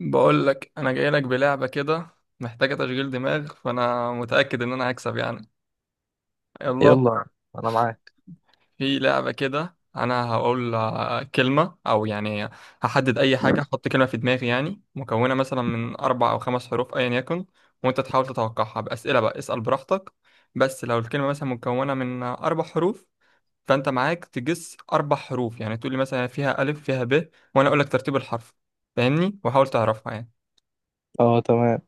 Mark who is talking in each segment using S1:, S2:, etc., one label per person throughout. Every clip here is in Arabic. S1: بقول لك انا جاي لك بلعبه كده، محتاجه تشغيل دماغ، فانا متاكد ان انا هكسب يعني. يلا.
S2: يلا، انا معاك.
S1: في لعبه كده انا هقول كلمه او يعني هحدد اي حاجه، احط كلمه في دماغي يعني مكونه مثلا من اربع او خمس حروف ايا يكن، وانت تحاول تتوقعها باسئله. بقى اسال براحتك. بس لو الكلمه مثلا مكونه من اربع حروف، فانت معاك تجس اربع حروف. يعني تقول لي مثلا فيها الف فيها ب وانا اقول لك ترتيب الحرف، فاهمني؟ وحاول تعرفها يعني.
S2: اه، تمام.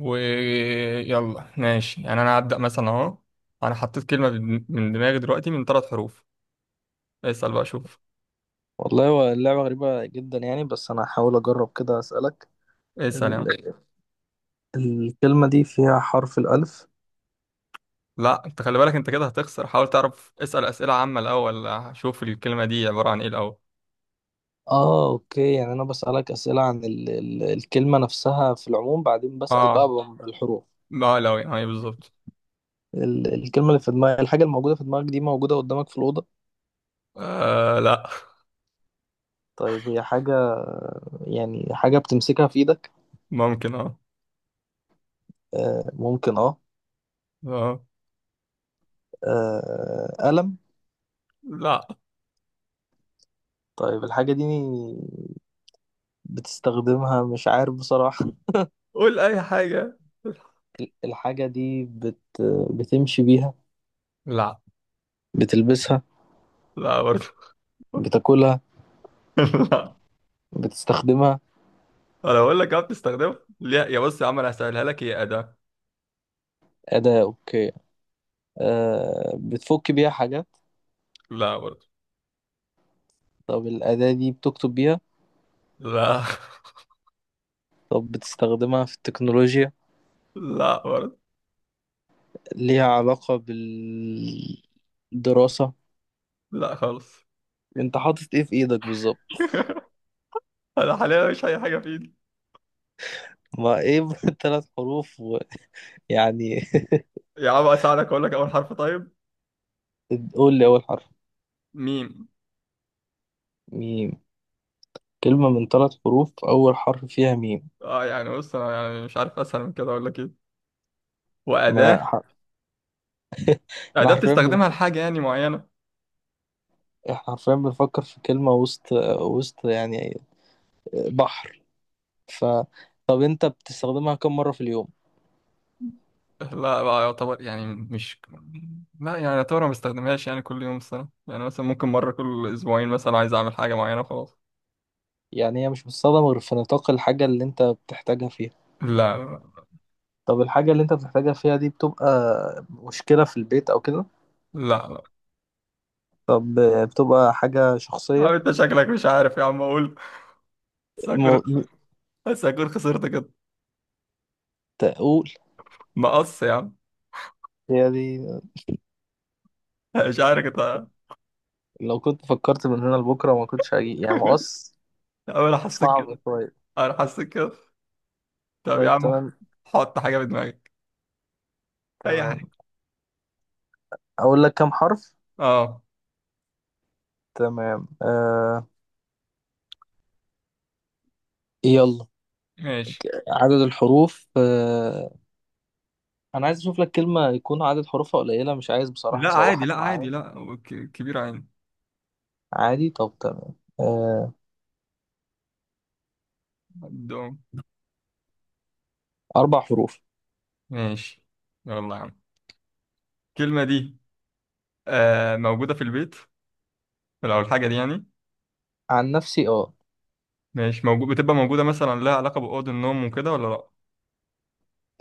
S1: ويلا. ماشي يعني انا هبدأ مثلا اهو. انا حطيت كلمة من دماغي دلوقتي، من ثلاث حروف. اسأل بقى شوف.
S2: والله هو اللعبة غريبة جدا يعني، بس انا هحاول اجرب كده اسألك.
S1: اسأل يعني.
S2: ال... الكلمة دي فيها حرف الألف.
S1: لا، انت خلي بالك، انت كده هتخسر، حاول تعرف، اسأل أسئلة عامة الاول. شوف الكلمة دي عبارة عن ايه الاول.
S2: اه اوكي، يعني انا بسألك أسئلة عن الكلمة نفسها في العموم، بعدين بسأل
S1: اه.
S2: بقى بالحروف.
S1: ما لو يعني بالظبط.
S2: الكلمة اللي في دماغك، الحاجة الموجودة في دماغك دي موجودة قدامك في الأوضة؟
S1: آه لا.
S2: طيب هي حاجة، يعني حاجة بتمسكها في ايدك؟
S1: ممكن اه.
S2: آه ممكن اه.
S1: اه.
S2: آه، قلم؟
S1: لا.
S2: طيب الحاجة دي بتستخدمها، مش عارف بصراحة.
S1: قول اي حاجة.
S2: الحاجة دي بتمشي بيها؟
S1: لا.
S2: بتلبسها؟
S1: لا برضه.
S2: بتاكلها؟
S1: لا.
S2: بتستخدمها؟
S1: انا بقول لك اه بتستخدمها. لا يا بص، يا عم انا هسهلها لك، هي أداة.
S2: أداة، أوكي. بتفك بيها حاجات؟
S1: لا برضه.
S2: طب الأداة دي بتكتب بيها؟
S1: لا.
S2: طب بتستخدمها في التكنولوجيا؟
S1: لا برضه.
S2: ليها علاقة بالدراسة؟
S1: لا خالص.
S2: أنت حاطط إيه في إيدك بالظبط؟
S1: انا حاليا مش اي حاجه في ايدي.
S2: ما إيه ثلاث حروف، ويعني.
S1: يا عم اساعدك اقول لك اول حرف طيب.
S2: قول لي أول حرف.
S1: ميم.
S2: ميم؟ كلمة من ثلاث حروف أول حرف فيها ميم.
S1: اه يعني بص، انا يعني مش عارف اسهل من كده، اقول لك ايه؟ واداه.
S2: ما ح- احنا
S1: اداه
S2: حرفيا،
S1: بتستخدمها لحاجه يعني معينه.
S2: حرفيا بنفكر في كلمة وسط، وسط يعني، بحر، ف. طب انت بتستخدمها كم مرة في اليوم؟
S1: لا بقى يعتبر يعني مش لا يعني يعتبر ما بستخدمهاش يعني كل يوم الصراحه. يعني مثلا ممكن مره كل اسبوعين مثلا عايز اعمل حاجه معينه وخلاص.
S2: يعني هي مش بتستخدم غير في نطاق الحاجة اللي انت بتحتاجها فيها؟
S1: لا لا.
S2: طب الحاجة اللي انت بتحتاجها فيها دي بتبقى مشكلة في البيت او كده؟
S1: لا لا.
S2: طب بتبقى حاجة
S1: يا عم
S2: شخصية؟
S1: انت شكلك مش عارف، يا عم اقول. بس هكون
S2: مو...
S1: بس هكون خسرت كده.
S2: تقول،
S1: مقص يا عم.
S2: هي دي؟
S1: مش عارف انت.
S2: لو كنت فكرت من هنا لبكرة ما كنتش هجي يعني مقص.
S1: انا حسيت
S2: صعب
S1: كده.
S2: شوية.
S1: انا حسيت كده. طب يا
S2: طيب
S1: عم،
S2: تمام.
S1: حط حاجة في دماغك، أي حاجة.
S2: تمام، اقول لك كم حرف؟
S1: أه.
S2: تمام، يلا.
S1: ماشي.
S2: عدد الحروف، انا عايز اشوف لك كلمة يكون عدد حروفها قليلة، مش عايز بصراحة
S1: لا عادي، لا
S2: اسوحك
S1: عادي،
S2: معايا.
S1: لا هو كبير عادي.
S2: عادي، طب تمام. آه،
S1: عندهم.
S2: اربع حروف.
S1: ماشي. يلا يا عم. الكلمة دي موجودة في البيت لو الحاجة دي يعني.
S2: عن نفسي اه.
S1: ماشي، موجود، بتبقى موجودة مثلا، لها علاقة بأوض النوم وكده ولا لا؟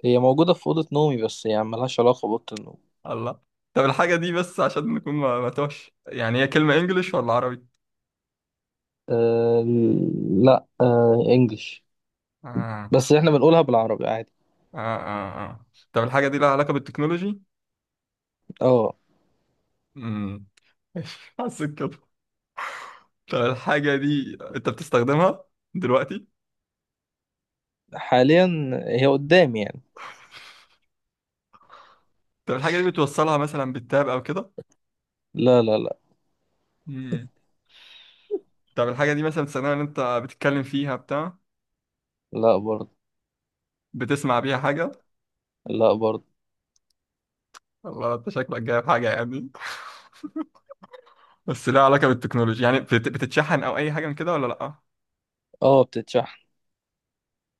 S2: هي موجودة في أوضة نومي بس يعني ملهاش علاقة بأوضة النوم.
S1: الله. طب الحاجة دي، بس عشان نكون ما توش يعني، هي كلمة إنجليش ولا عربي؟
S2: أه لا، أه انجلش،
S1: آه
S2: بس احنا بنقولها بالعربي عادي.
S1: آه آه. آه، طب الحاجة دي لها علاقة بالتكنولوجي؟
S2: اه،
S1: امم ماشي، حسيت كده. طب الحاجة دي انت بتستخدمها دلوقتي؟
S2: حاليا هي قدامي يعني.
S1: طب الحاجة دي بتوصلها مثلا بالتاب او كده؟
S2: لا لا لا.
S1: مم. طب الحاجة دي مثلا بتستخدمها ان انت بتتكلم فيها بتاع؟
S2: لا برضه.
S1: بتسمع بيها حاجة؟
S2: لا برضه.
S1: والله انت شكلك جايب حاجة يعني. بس لها علاقة بالتكنولوجيا يعني بتتشحن او اي حاجة من كده ولا لا؟
S2: اه بتتشحن.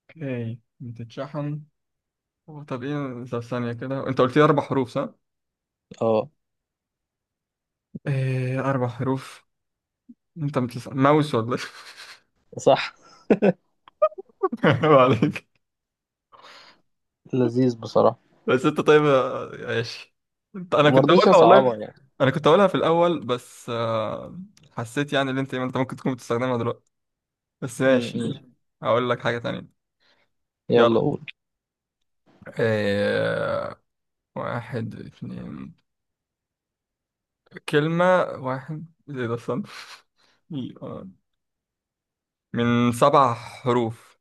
S1: اوكي، بتتشحن. طب ايه، طب ثانية كده، انت قلت لي اربع حروف صح؟
S2: اه،
S1: ايه اربع حروف. انت بتسأل ماوس ولا
S2: صح،
S1: ايه؟ عليك.
S2: لذيذ بصراحة.
S1: بس انت طيب ماشي. انا كنت
S2: ومرضتش
S1: هقولها
S2: اصعبها
S1: والله.
S2: يعني.
S1: انا كنت هقولها في الاول بس حسيت يعني ان انت ممكن تكون بتستخدمها دلوقتي، بس
S2: م-
S1: ماشي ماشي.
S2: م.
S1: هقول لك حاجة تانية. يلا.
S2: يلا قول.
S1: آه، واحد اتنين، كلمة واحد ايه ده، استنى. آه، من سبع حروف.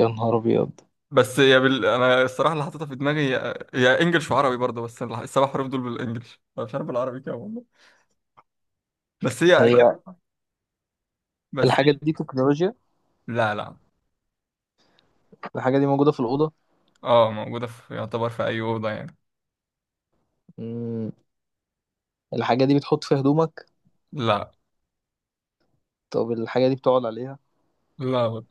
S2: يا نهار ابيض،
S1: بس يا بال... انا الصراحة اللي حاططها في دماغي هي هي انجلش وعربي برضه، بس السبع حروف دول بالانجلش، أنا مش عارف بالعربي كده والله. بس هي كده.
S2: هي
S1: بس
S2: الحاجات
S1: هي.
S2: دي تكنولوجيا؟
S1: لا لا.
S2: الحاجه دي موجوده في الاوضه؟
S1: اه موجودة في، يعتبر في أي أوضة يعني.
S2: مم. الحاجه دي بتحط فيها هدومك؟
S1: لا.
S2: طب الحاجه دي بتقعد عليها؟
S1: لا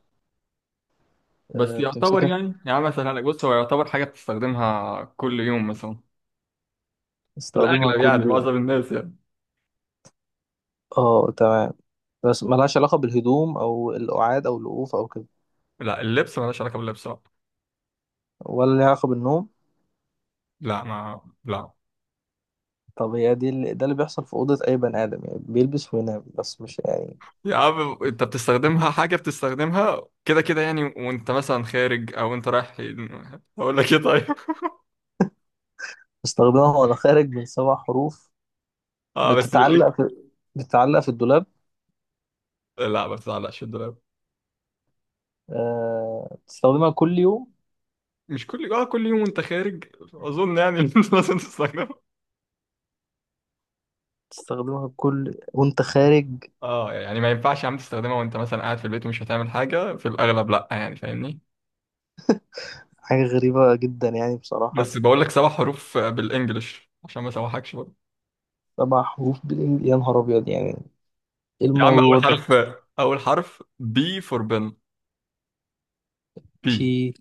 S1: بس
S2: أه
S1: يعتبر
S2: بتمسكها،
S1: يعني، يعني مثلا لك بص، هو يعتبر حاجة بتستخدمها كل يوم مثلا، في
S2: استخدمها
S1: الأغلب، يعني
S2: كل يوم.
S1: معظم الناس يعني.
S2: اه تمام. بس ملهاش علاقه بالهدوم او القعاد او الوقوف او كده؟
S1: لا اللبس، مالهاش علاقة باللبس بقى.
S2: ولا ليها علاقه بالنوم؟
S1: لا ما لا.
S2: طب هي دي اللي ده اللي بيحصل في اوضه اي بني ادم، يعني بيلبس وينام، بس مش يعني.
S1: يا عم أنت بتستخدمها، حاجة بتستخدمها كده كده يعني وأنت مثلا خارج أو أنت رايح. أقول لك إيه طيب؟
S2: بستخدمها وانا خارج، من سبع حروف.
S1: اه بس بالإج.
S2: بتتعلق في بتتعلق في الدولاب.
S1: لا ما بتعلقش الدولاب.
S2: أه بتستخدمها كل يوم؟
S1: مش كل اه، كل يوم وأنت خارج أظن يعني. لازم تستخدمها.
S2: تستخدمها كل وانت خارج؟
S1: اه يعني ما ينفعش يا عم تستخدمها وانت مثلا قاعد في البيت ومش هتعمل حاجة في الأغلب لأ، يعني فاهمني.
S2: حاجة غريبة جدا يعني بصراحة.
S1: بس بقول لك سبع حروف بالإنجلش عشان ما اسوحكش برضه.
S2: سبع حروف بالإنجليزي، يا نهار أبيض. يعني إيه
S1: يا عم
S2: الموضوع
S1: أول
S2: ده
S1: حرف، أول حرف بي فور بن. بي.
S2: بي،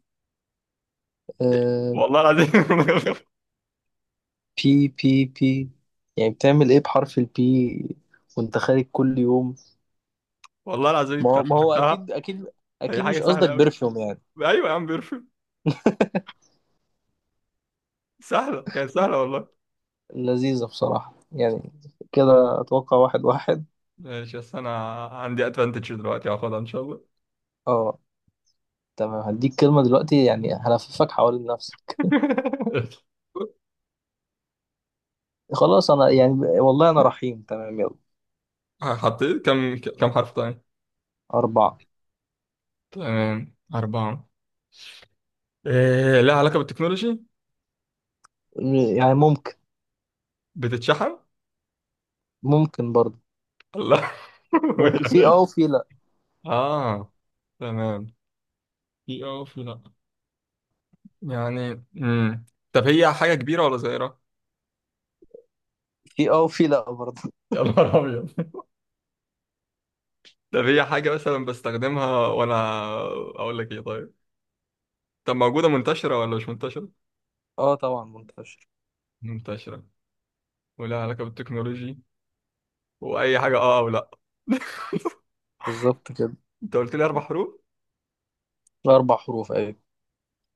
S2: آه،
S1: والله العظيم.
S2: بي بي بي، يعني بتعمل إيه بحرف البي وأنت خارج كل يوم؟
S1: والله العظيم
S2: ما
S1: أنت
S2: هو ما هو
S1: عرفتها.
S2: أكيد أكيد.
S1: هي
S2: أكيد
S1: حاجة
S2: مش قصدك
S1: سهلة أوي.
S2: برفيوم يعني؟
S1: أيوة يا عم، بيرفكت. سهلة، كانت سهلة والله.
S2: لذيذة بصراحة يعني. كده أتوقع واحد واحد.
S1: ماشي، بس أنا عندي أدفانتج دلوقتي، هاخدها إن شاء الله.
S2: أه تمام. هديك كلمة دلوقتي يعني هلففك حوالين نفسك. خلاص أنا يعني، والله أنا رحيم، تمام يلا.
S1: حطيت كم حرف تاني؟
S2: أربعة.
S1: تمام أربعة. إيه، لها علاقة بالتكنولوجي؟
S2: يعني ممكن.
S1: بتتشحن؟
S2: ممكن برضه.
S1: لا.
S2: ممكن
S1: يعني
S2: في اه
S1: إيه؟
S2: وفي لا.
S1: اه، تمام. في اه وفي لا. يعني طب هي حاجة كبيرة ولا صغيرة؟
S2: في اه وفي لا برضه.
S1: يا نهار ابيض. طب هي حاجة مثلا بستخدمها وأنا، أقول لك إيه طيب؟ طب موجودة منتشرة ولا مش منتشرة؟
S2: اه طبعا منتشر.
S1: منتشرة، ولها علاقة بالتكنولوجي، وأي حاجة أه أو لأ.
S2: بالظبط كده.
S1: أنت قلت لي أربع حروف؟
S2: اربع حروف، ايوه.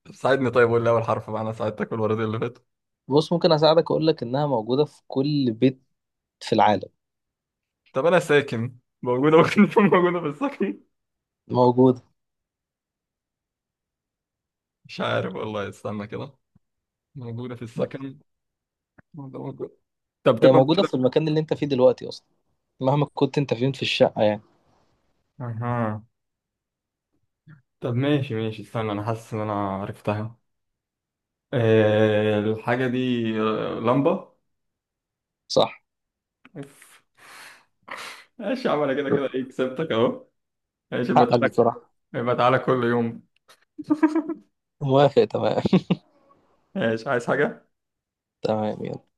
S1: طب ساعدني طيب، قول لي أول حرف بقى، أنا ساعدتك في الورقتين اللي فاتوا.
S2: بص ممكن اساعدك، اقول لك انها موجوده في كل بيت في العالم.
S1: طب أنا ساكن، موجودة، ممكن تكون موجودة في السكن؟
S2: موجوده.
S1: مش عارف والله، استنى كده. موجودة في السكن، ده موجود. طب
S2: هي
S1: تبقى
S2: موجوده في
S1: موجودة.
S2: المكان اللي انت فيه دلوقتي اصلا، مهما كنت انت فين في الشقه يعني.
S1: اها. طب ماشي ماشي، استنى، انا حاسس ان انا عرفتها. آه الحاجة دي، آه لمبة.
S2: صح،
S1: أوف. ماشي يا عم، انا كده كده ايه، كسبتك اهو. ماشي، يبقى
S2: حقك
S1: تعالى،
S2: بصراحه.
S1: يبقى تعالى كل يوم.
S2: موافق تمام.
S1: ماشي، عايز حاجة؟
S2: تمام يلا.